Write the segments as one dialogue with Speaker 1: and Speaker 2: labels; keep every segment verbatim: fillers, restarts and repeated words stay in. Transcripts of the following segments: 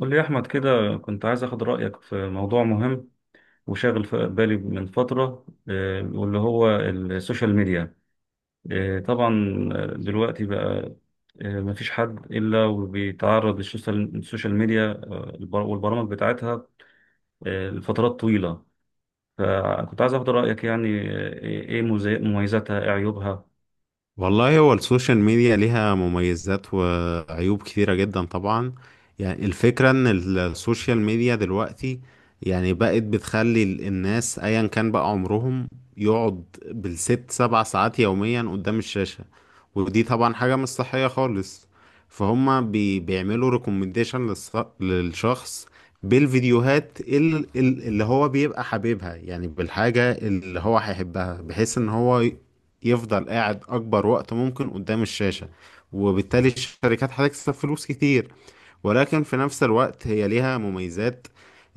Speaker 1: قول لي يا أحمد كده، كنت عايز أخد رأيك في موضوع مهم وشاغل في بالي من فترة، آه، واللي هو السوشيال ميديا. آه، طبعا. آه، دلوقتي بقى، آه، مفيش حد إلا وبيتعرض للسوشيال السوشيال ميديا البر- والبرامج بتاعتها آه، لفترات طويلة. فكنت عايز أخد رأيك يعني، آه، إيه مزي- مميزاتها، إيه عيوبها؟
Speaker 2: والله هو السوشيال ميديا ليها مميزات وعيوب كثيرة جدا طبعا. يعني الفكرة ان السوشيال ميديا دلوقتي يعني بقت بتخلي ال- الناس ايا كان بقى عمرهم، يقعد بالست سبع ساعات يوميا قدام الشاشة. ودي طبعا حاجة مش صحية خالص. فهما بي بيعملوا ريكومنديشن للشخص بالفيديوهات ال- ال- اللي هو بيبقى حاببها، يعني بالحاجة اللي هو هيحبها بحيث ان هو يفضل قاعد أكبر وقت ممكن قدام الشاشة. وبالتالي الشركات هتكسب فلوس كتير، ولكن في نفس الوقت هي ليها مميزات.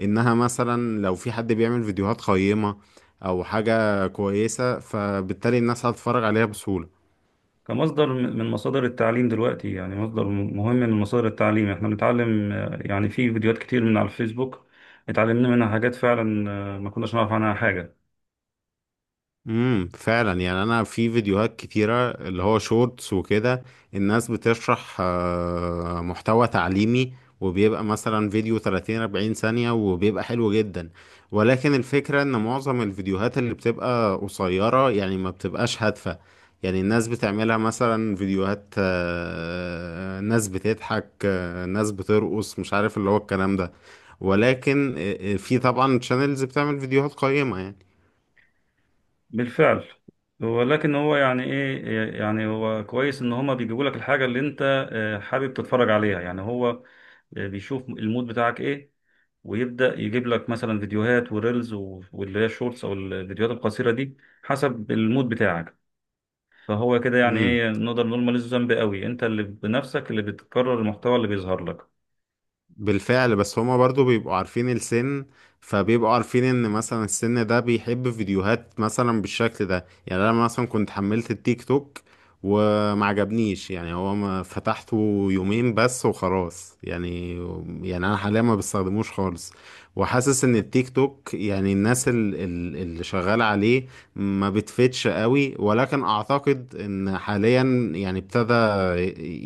Speaker 2: إنها مثلا لو في حد بيعمل فيديوهات قيمة أو حاجة كويسة، فبالتالي الناس هتتفرج عليها بسهولة.
Speaker 1: كمصدر م- من مصادر التعليم دلوقتي، يعني مصدر م- مهم من مصادر التعليم، احنا بنتعلم آه، يعني في فيديوهات كتير من على الفيسبوك، اتعلمنا منها حاجات فعلا آه، ما كناش نعرف عنها حاجة.
Speaker 2: امم، فعلا. يعني انا في فيديوهات كتيره اللي هو شورتس وكده، الناس بتشرح آه، محتوى تعليمي، وبيبقى مثلا فيديو ثلاثين أربعين ثانيه وبيبقى حلو جدا. ولكن الفكره ان معظم الفيديوهات اللي بتبقى قصيره، يعني ما بتبقاش هادفه. يعني الناس بتعملها مثلا فيديوهات، آه، ناس بتضحك، آه، ناس بترقص، مش عارف اللي هو الكلام ده. ولكن آه، آه، في طبعا شانلز بتعمل فيديوهات قيمه يعني.
Speaker 1: بالفعل، ولكن هو يعني ايه، آه، يعني هو كويس ان هما بيجيبوا لك الحاجة اللي انت آه، حابب تتفرج عليها، يعني هو آه، بيشوف المود بتاعك ايه، ويبدأ يجيب لك مثلا فيديوهات وريلز و- واللي هي الشورتس او الفيديوهات القصيرة دي حسب المود بتاعك. فهو كده يعني
Speaker 2: امم.
Speaker 1: ايه، نقدر نقول ماليش ذنب قوي، انت اللي بنفسك اللي بتكرر المحتوى اللي بيظهر لك.
Speaker 2: بالفعل، بس هما برضو بيبقوا عارفين السن، فبيبقوا عارفين ان مثلا السن ده بيحب فيديوهات مثلا بالشكل ده. يعني انا مثلا كنت حملت التيك توك وما عجبنيش، يعني هو ما فتحته يومين بس وخلاص يعني. يعني انا حاليا ما بستخدموش خالص. وحاسس ان التيك توك، يعني الناس ال- ال- اللي شغالة عليه ما بتفتش قوي، ولكن اعتقد ان حاليا يعني ابتدى،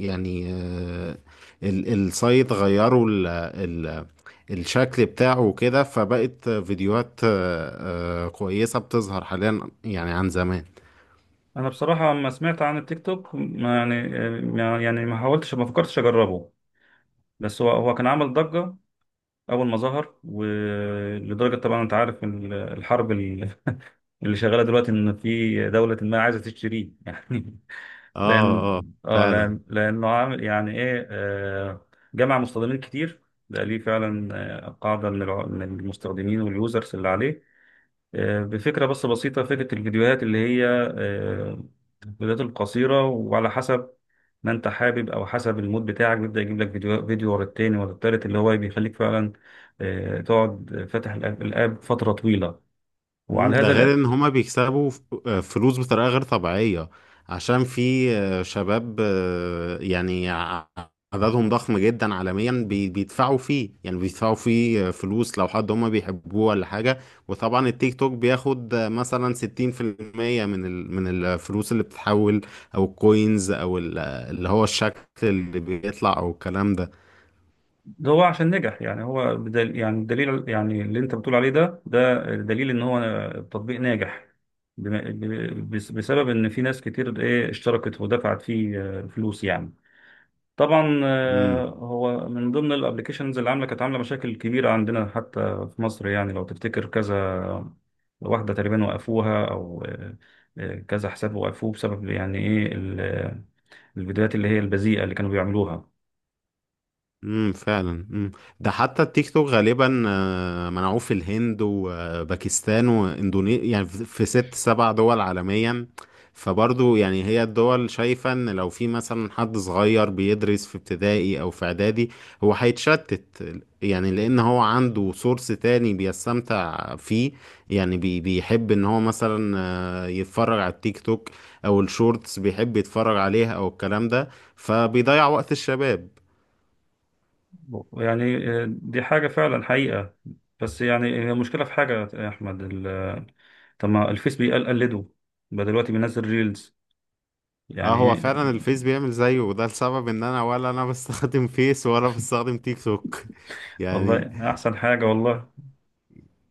Speaker 2: يعني آه، ال- السايت غيروا ال ال الشكل بتاعه وكده، فبقت فيديوهات آه، آه، كويسة بتظهر حاليا يعني عن زمان.
Speaker 1: انا بصراحه لما سمعت عن التيك توك ما يعني، ما- يعني ما حاولتش ما فكرتش اجربه، بس هو هو كان عامل ضجه اول ما ظهر، ولدرجه طبعا انت عارف ال- الحرب ال- اللي شغاله دلوقتي ان في دوله ما عايزه تشتريه يعني.
Speaker 2: اه،
Speaker 1: لان
Speaker 2: اه،
Speaker 1: اه
Speaker 2: فعلا.
Speaker 1: لان لانه عامل يعني ايه آه، جمع مستخدمين كتير، ده ليه فعلا آه، قاعده من الع- من المستخدمين واليوزرز اللي عليه، آه، بفكرة بس بسيطة، فكرة الفيديوهات اللي هي آه، الفيديوهات القصيرة، وعلى حسب ما انت حابب او حسب المود بتاعك بيبدأ يجيب لك فيديو فيديو ورا التاني ورا التالت اللي هو بيخليك فعلا آه، تقعد فاتح الاب الآب فترة طويلة.
Speaker 2: مم،
Speaker 1: وعلى
Speaker 2: ده
Speaker 1: هذا
Speaker 2: غير
Speaker 1: الأ-
Speaker 2: ان هما بيكسبوا ف- آه، فلوس بطريقة غير طبيعية، عشان في آه، شباب، آه، يعني ع- عددهم ضخم جدا عالميا بي- بيدفعوا فيه، يعني بيدفعوا فيه آه، فلوس لو حد هما بيحبوه ولا حاجة. وطبعا التيك توك بياخد آه، مثلا ستين في المية من ال- من الفلوس اللي بتتحول، او الكوينز، او ال- اللي هو الشكل اللي بيطلع او الكلام ده.
Speaker 1: ده هو عشان نجح، يعني هو بدل يعني الدليل يعني اللي انت بتقول عليه ده ده دليل ان هو تطبيق ناجح، بما- ب- بس- بسبب ان في ناس كتير ايه اشتركت ودفعت فيه آه، فلوس يعني. طبعا آه،
Speaker 2: مم.
Speaker 1: هو من ضمن الابلكيشنز اللي عامله كانت عامله مشاكل كبيره عندنا حتى في مصر، يعني لو تفتكر كذا واحده تقريبا وقفوها، او آه، آه، كذا حساب وقفوه بسبب يعني ايه ال- آه، الفيديوهات اللي هي البذيئه اللي كانوا بيعملوها.
Speaker 2: امم، فعلا، امم. ده حتى التيك توك غالبا آه، منعوه في الهند وباكستان واندونيسيا، يعني في في ست سبع دول عالميا. فبرضو يعني هي الدول شايفة ان لو في مثلا حد صغير بيدرس في ابتدائي او في اعدادي، هو هيتشتت. يعني لان هو عنده سورس تاني بيستمتع فيه. يعني بي بيحب ان هو مثلا آه، يتفرج على التيك توك او الشورتس، بيحب يتفرج عليها او الكلام ده، فبيضيع وقت الشباب.
Speaker 1: يعني آه، دي حاجه فعلا حقيقه، بس يعني هي المشكله في حاجه يا احمد، ال- آه، طب ما الفيس بيقلده، بقى دلوقتي بينزل ريلز
Speaker 2: اه،
Speaker 1: يعني
Speaker 2: هو
Speaker 1: ايه.
Speaker 2: فعلا الفيس بيعمل زيه، وده السبب ان انا ولا انا بستخدم فيس ولا بستخدم تيك توك. يعني
Speaker 1: والله احسن حاجه والله،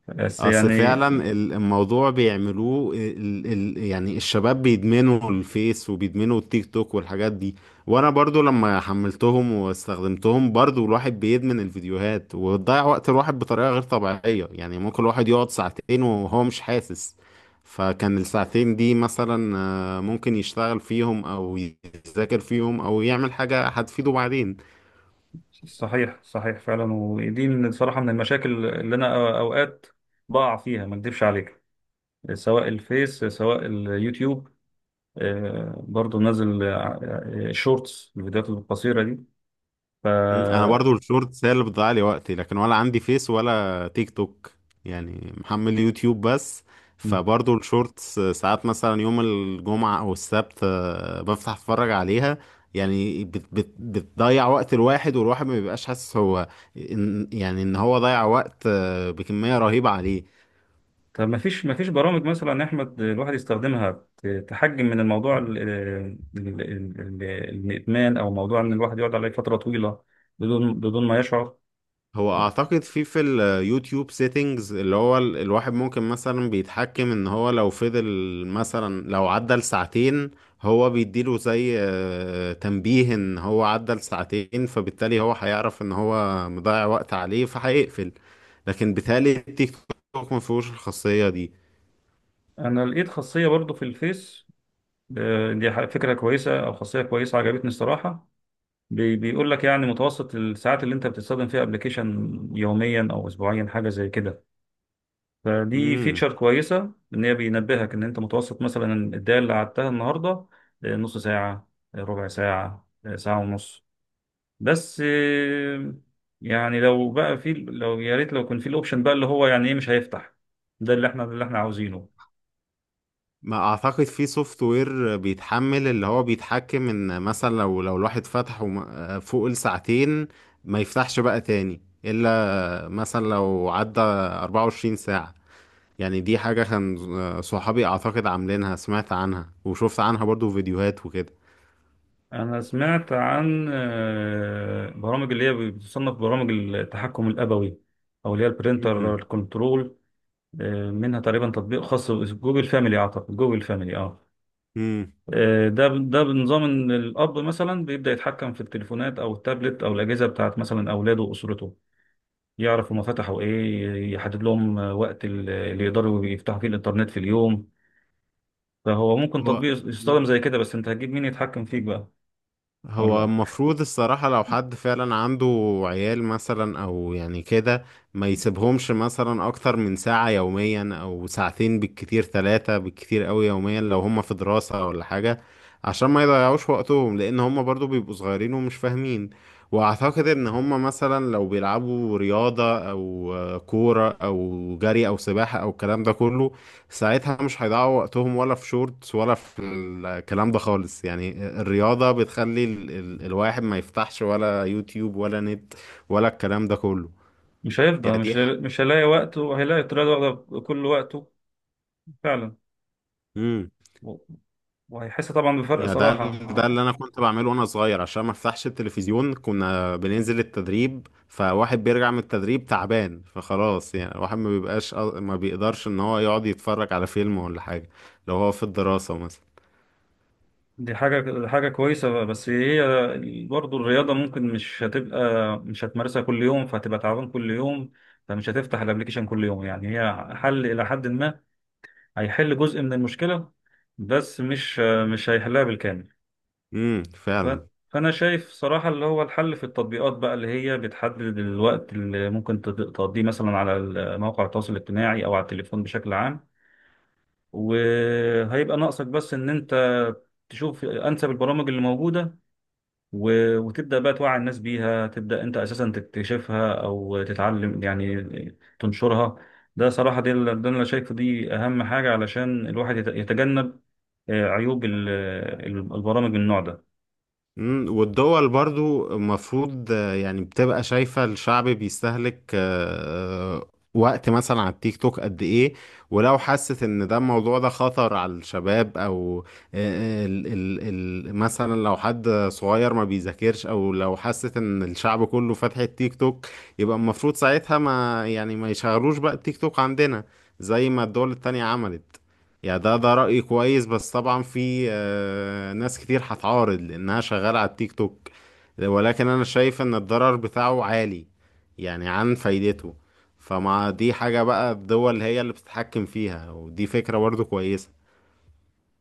Speaker 1: بس
Speaker 2: اصل
Speaker 1: يعني.
Speaker 2: فعلا ال- الموضوع بيعملوه ال ال يعني الشباب بيدمنوا الفيس وبيدمنوا التيك توك والحاجات دي. وانا برضو لما حملتهم واستخدمتهم، برضو الواحد بيدمن الفيديوهات وتضيع وقت الواحد بطريقة غير طبيعية، يعني ممكن الواحد يقعد ساعتين وهو مش حاسس. فكان الساعتين دي مثلا آه، ممكن يشتغل فيهم، او يذاكر فيهم، او يعمل حاجة هتفيده بعدين.
Speaker 1: صحيح صحيح فعلا، ودي من صراحة من المشاكل اللي أنا أو- أوقات بقع فيها، ما أكدبش عليك، سواء الفيس سواء اليوتيوب آه، برضو نازل آه، شورتس الفيديوهات القصيرة دي. ف
Speaker 2: مم، انا برضو الشورتس هي اللي بتضيع لي وقتي، لكن ولا عندي فيس ولا تيك توك. يعني محمل يوتيوب بس،
Speaker 1: م.
Speaker 2: فبرضو الشورتس ساعات مثلا يوم الجمعة او السبت آه، بفتح اتفرج عليها. يعني بت بت بتضيع وقت الواحد، والواحد ما بيبقاش حاسس هو، إن يعني ان هو ضيع وقت آه، بكمية رهيبة عليه.
Speaker 1: طب ما فيش ما فيش برامج مثلا يا أحمد الواحد يستخدمها ت- تحجم من الموضوع ال- آه، ال- ال- ال- الإدمان، أو موضوع إن الواحد يقعد عليه فترة طويلة بدون بدون ما يشعر؟
Speaker 2: هو اعتقد في في اليوتيوب سيتنجز، اللي هو ال- الواحد ممكن مثلا بيتحكم ان هو لو فضل مثلا، لو عدى لساعتين، هو بيديله زي آه، تنبيه ان هو عدى لساعتين، فبالتالي هو هيعرف ان هو مضيع وقت عليه فهيقفل. لكن بالتالي التيك توك ما فيهوش الخاصية دي.
Speaker 1: أنا لقيت خاصية برضو في الفيس، آه، دي ح- فكرة كويسة أو خاصية كويسة عجبتني الصراحة، بي- بيقول لك يعني متوسط الساعات اللي أنت بتستخدم فيها أبلكيشن يوميا أو أسبوعيا، حاجة زي كده. فدي
Speaker 2: امم.
Speaker 1: فيتشر كويسة إن هي بينبهك إن أنت متوسط مثلا الدقايق اللي قعدتها النهاردة آه، نص ساعة، آه، ربع ساعة، آه، ساعة ونص، بس آه، يعني لو بقى في، لو يا ريت لو كان في الأوبشن بقى اللي هو يعني إيه مش هيفتح، ده اللي إحنا اللي إحنا عاوزينه.
Speaker 2: ما اعتقد في سوفت وير بيتحمل، اللي هو بيتحكم ان مثلا لو لو الواحد فتحه وما- آه، فوق الساعتين، ما يفتحش بقى تاني الا مثلا لو عدى أربعة وعشرين ساعة. يعني دي حاجة كان صحابي أعتقد عاملينها، سمعت عنها وشفت عنها برضو فيديوهات وكده.
Speaker 1: أنا سمعت عن آه، برامج اللي هي بتصنف برامج التحكم الأبوي، أو اللي هي
Speaker 2: امم،
Speaker 1: البرينتر كنترول، آه، منها تقريبا تطبيق خاص جوجل فاميلي، أعتقد جوجل فاميلي أه
Speaker 2: امم.
Speaker 1: آه، ده ده بنظام إن الأب مثلا بيبدأ يتحكم في التليفونات أو التابلت أو الأجهزة بتاعت مثلا أولاده وأسرته، يعرف هما فتحوا إيه، يحدد لهم آه، وقت ال- اللي يقدروا يفتحوا فيه الإنترنت في اليوم. فهو ممكن
Speaker 2: هو
Speaker 1: تطبيق يستخدم زي كده، بس أنت هتجيب مين يتحكم فيك بقى؟
Speaker 2: هو
Speaker 1: ولا
Speaker 2: المفروض الصراحة لو حد فعلا عنده عيال مثلا، أو يعني كده، ما يسيبهمش مثلا أكتر من ساعة يوميا، أو ساعتين بالكتير، ثلاثة بالكتير أوي يوميا، لو هما في دراسة ولا حاجة، عشان ما يضيعوش وقتهم، لأن هما برضو بيبقوا صغيرين ومش فاهمين. وأعتقد إن هما مثلا لو بيلعبوا رياضة أو آه، كورة، أو جري، أو سباحة، أو الكلام ده كله، ساعتها مش هيضيعوا وقتهم ولا في شورتس ولا في الكلام ده خالص. يعني الرياضة بتخلي ال ال الواحد ما يفتحش ولا يوتيوب، ولا نت، ولا الكلام ده كله.
Speaker 1: مش هيفضى،
Speaker 2: يعني
Speaker 1: مش
Speaker 2: دي ح-
Speaker 1: مش هيلاقي وقته، هيلاقي الطريقة دي واخدة كل وقته فعلا.
Speaker 2: مم.
Speaker 1: و- وهيحس طبعا بفرق
Speaker 2: يا ده
Speaker 1: صراحة
Speaker 2: ده اللي
Speaker 1: آه،
Speaker 2: انا كنت بعمله وانا صغير، عشان ما افتحش التلفزيون كنا بننزل التدريب، فواحد بيرجع من التدريب تعبان، فخلاص يعني الواحد ما بيبقاش ما بيقدرش ان هو يقعد يتفرج على فيلم ولا حاجة، لو هو في الدراسة مثلا.
Speaker 1: دي حاجة دي حاجة كويسة، بس هي برضه الرياضة ممكن مش هتبقى، مش هتمارسها كل يوم، فهتبقى تعبان كل يوم، فمش هتفتح الابليكيشن كل يوم، يعني هي حل إلى حد ما، هيحل جزء من المشكلة، بس مش مش هيحلها بالكامل.
Speaker 2: امم،
Speaker 1: ف-
Speaker 2: فعلا.
Speaker 1: فأنا شايف صراحة اللي هو الحل في التطبيقات بقى اللي هي بتحدد الوقت اللي ممكن تد- تقضيه مثلا على ال- مواقع التواصل الاجتماعي أو على التليفون بشكل عام، وهيبقى ناقصك بس إن أنت تشوف أنسب البرامج اللي موجودة، و- وتبدأ بقى توعي الناس بيها، تبدأ أنت أساسا تكتشفها أو تتعلم يعني تنشرها. ده صراحة دي اللي ده اللي أنا شايفه، دي أهم حاجة علشان الواحد يت- يتجنب آه، عيوب ال- ال- البرامج من النوع ده.
Speaker 2: مم، والدول برضو المفروض، آه، يعني بتبقى شايفة الشعب بيستهلك آه، آه، وقت مثلا على التيك توك قد ايه. ولو حست ان ده الموضوع ده خطر على الشباب، او آه، آه، ال ال ال مثلا لو حد صغير ما بيذاكرش، او لو حست ان الشعب كله فاتح التيك توك، يبقى المفروض ساعتها ما يعني ما يشغلوش بقى التيك توك عندنا، زي ما الدول التانية عملت. يعني ده ده رأيي كويس، بس طبعا في آه، ناس كتير هتعارض لأنها شغالة على التيك توك، ولكن أنا شايف إن الضرر بتاعه عالي يعني عن فايدته. فمع دي حاجة بقى، الدول هي اللي بتتحكم فيها، ودي فكرة برضو كويسة.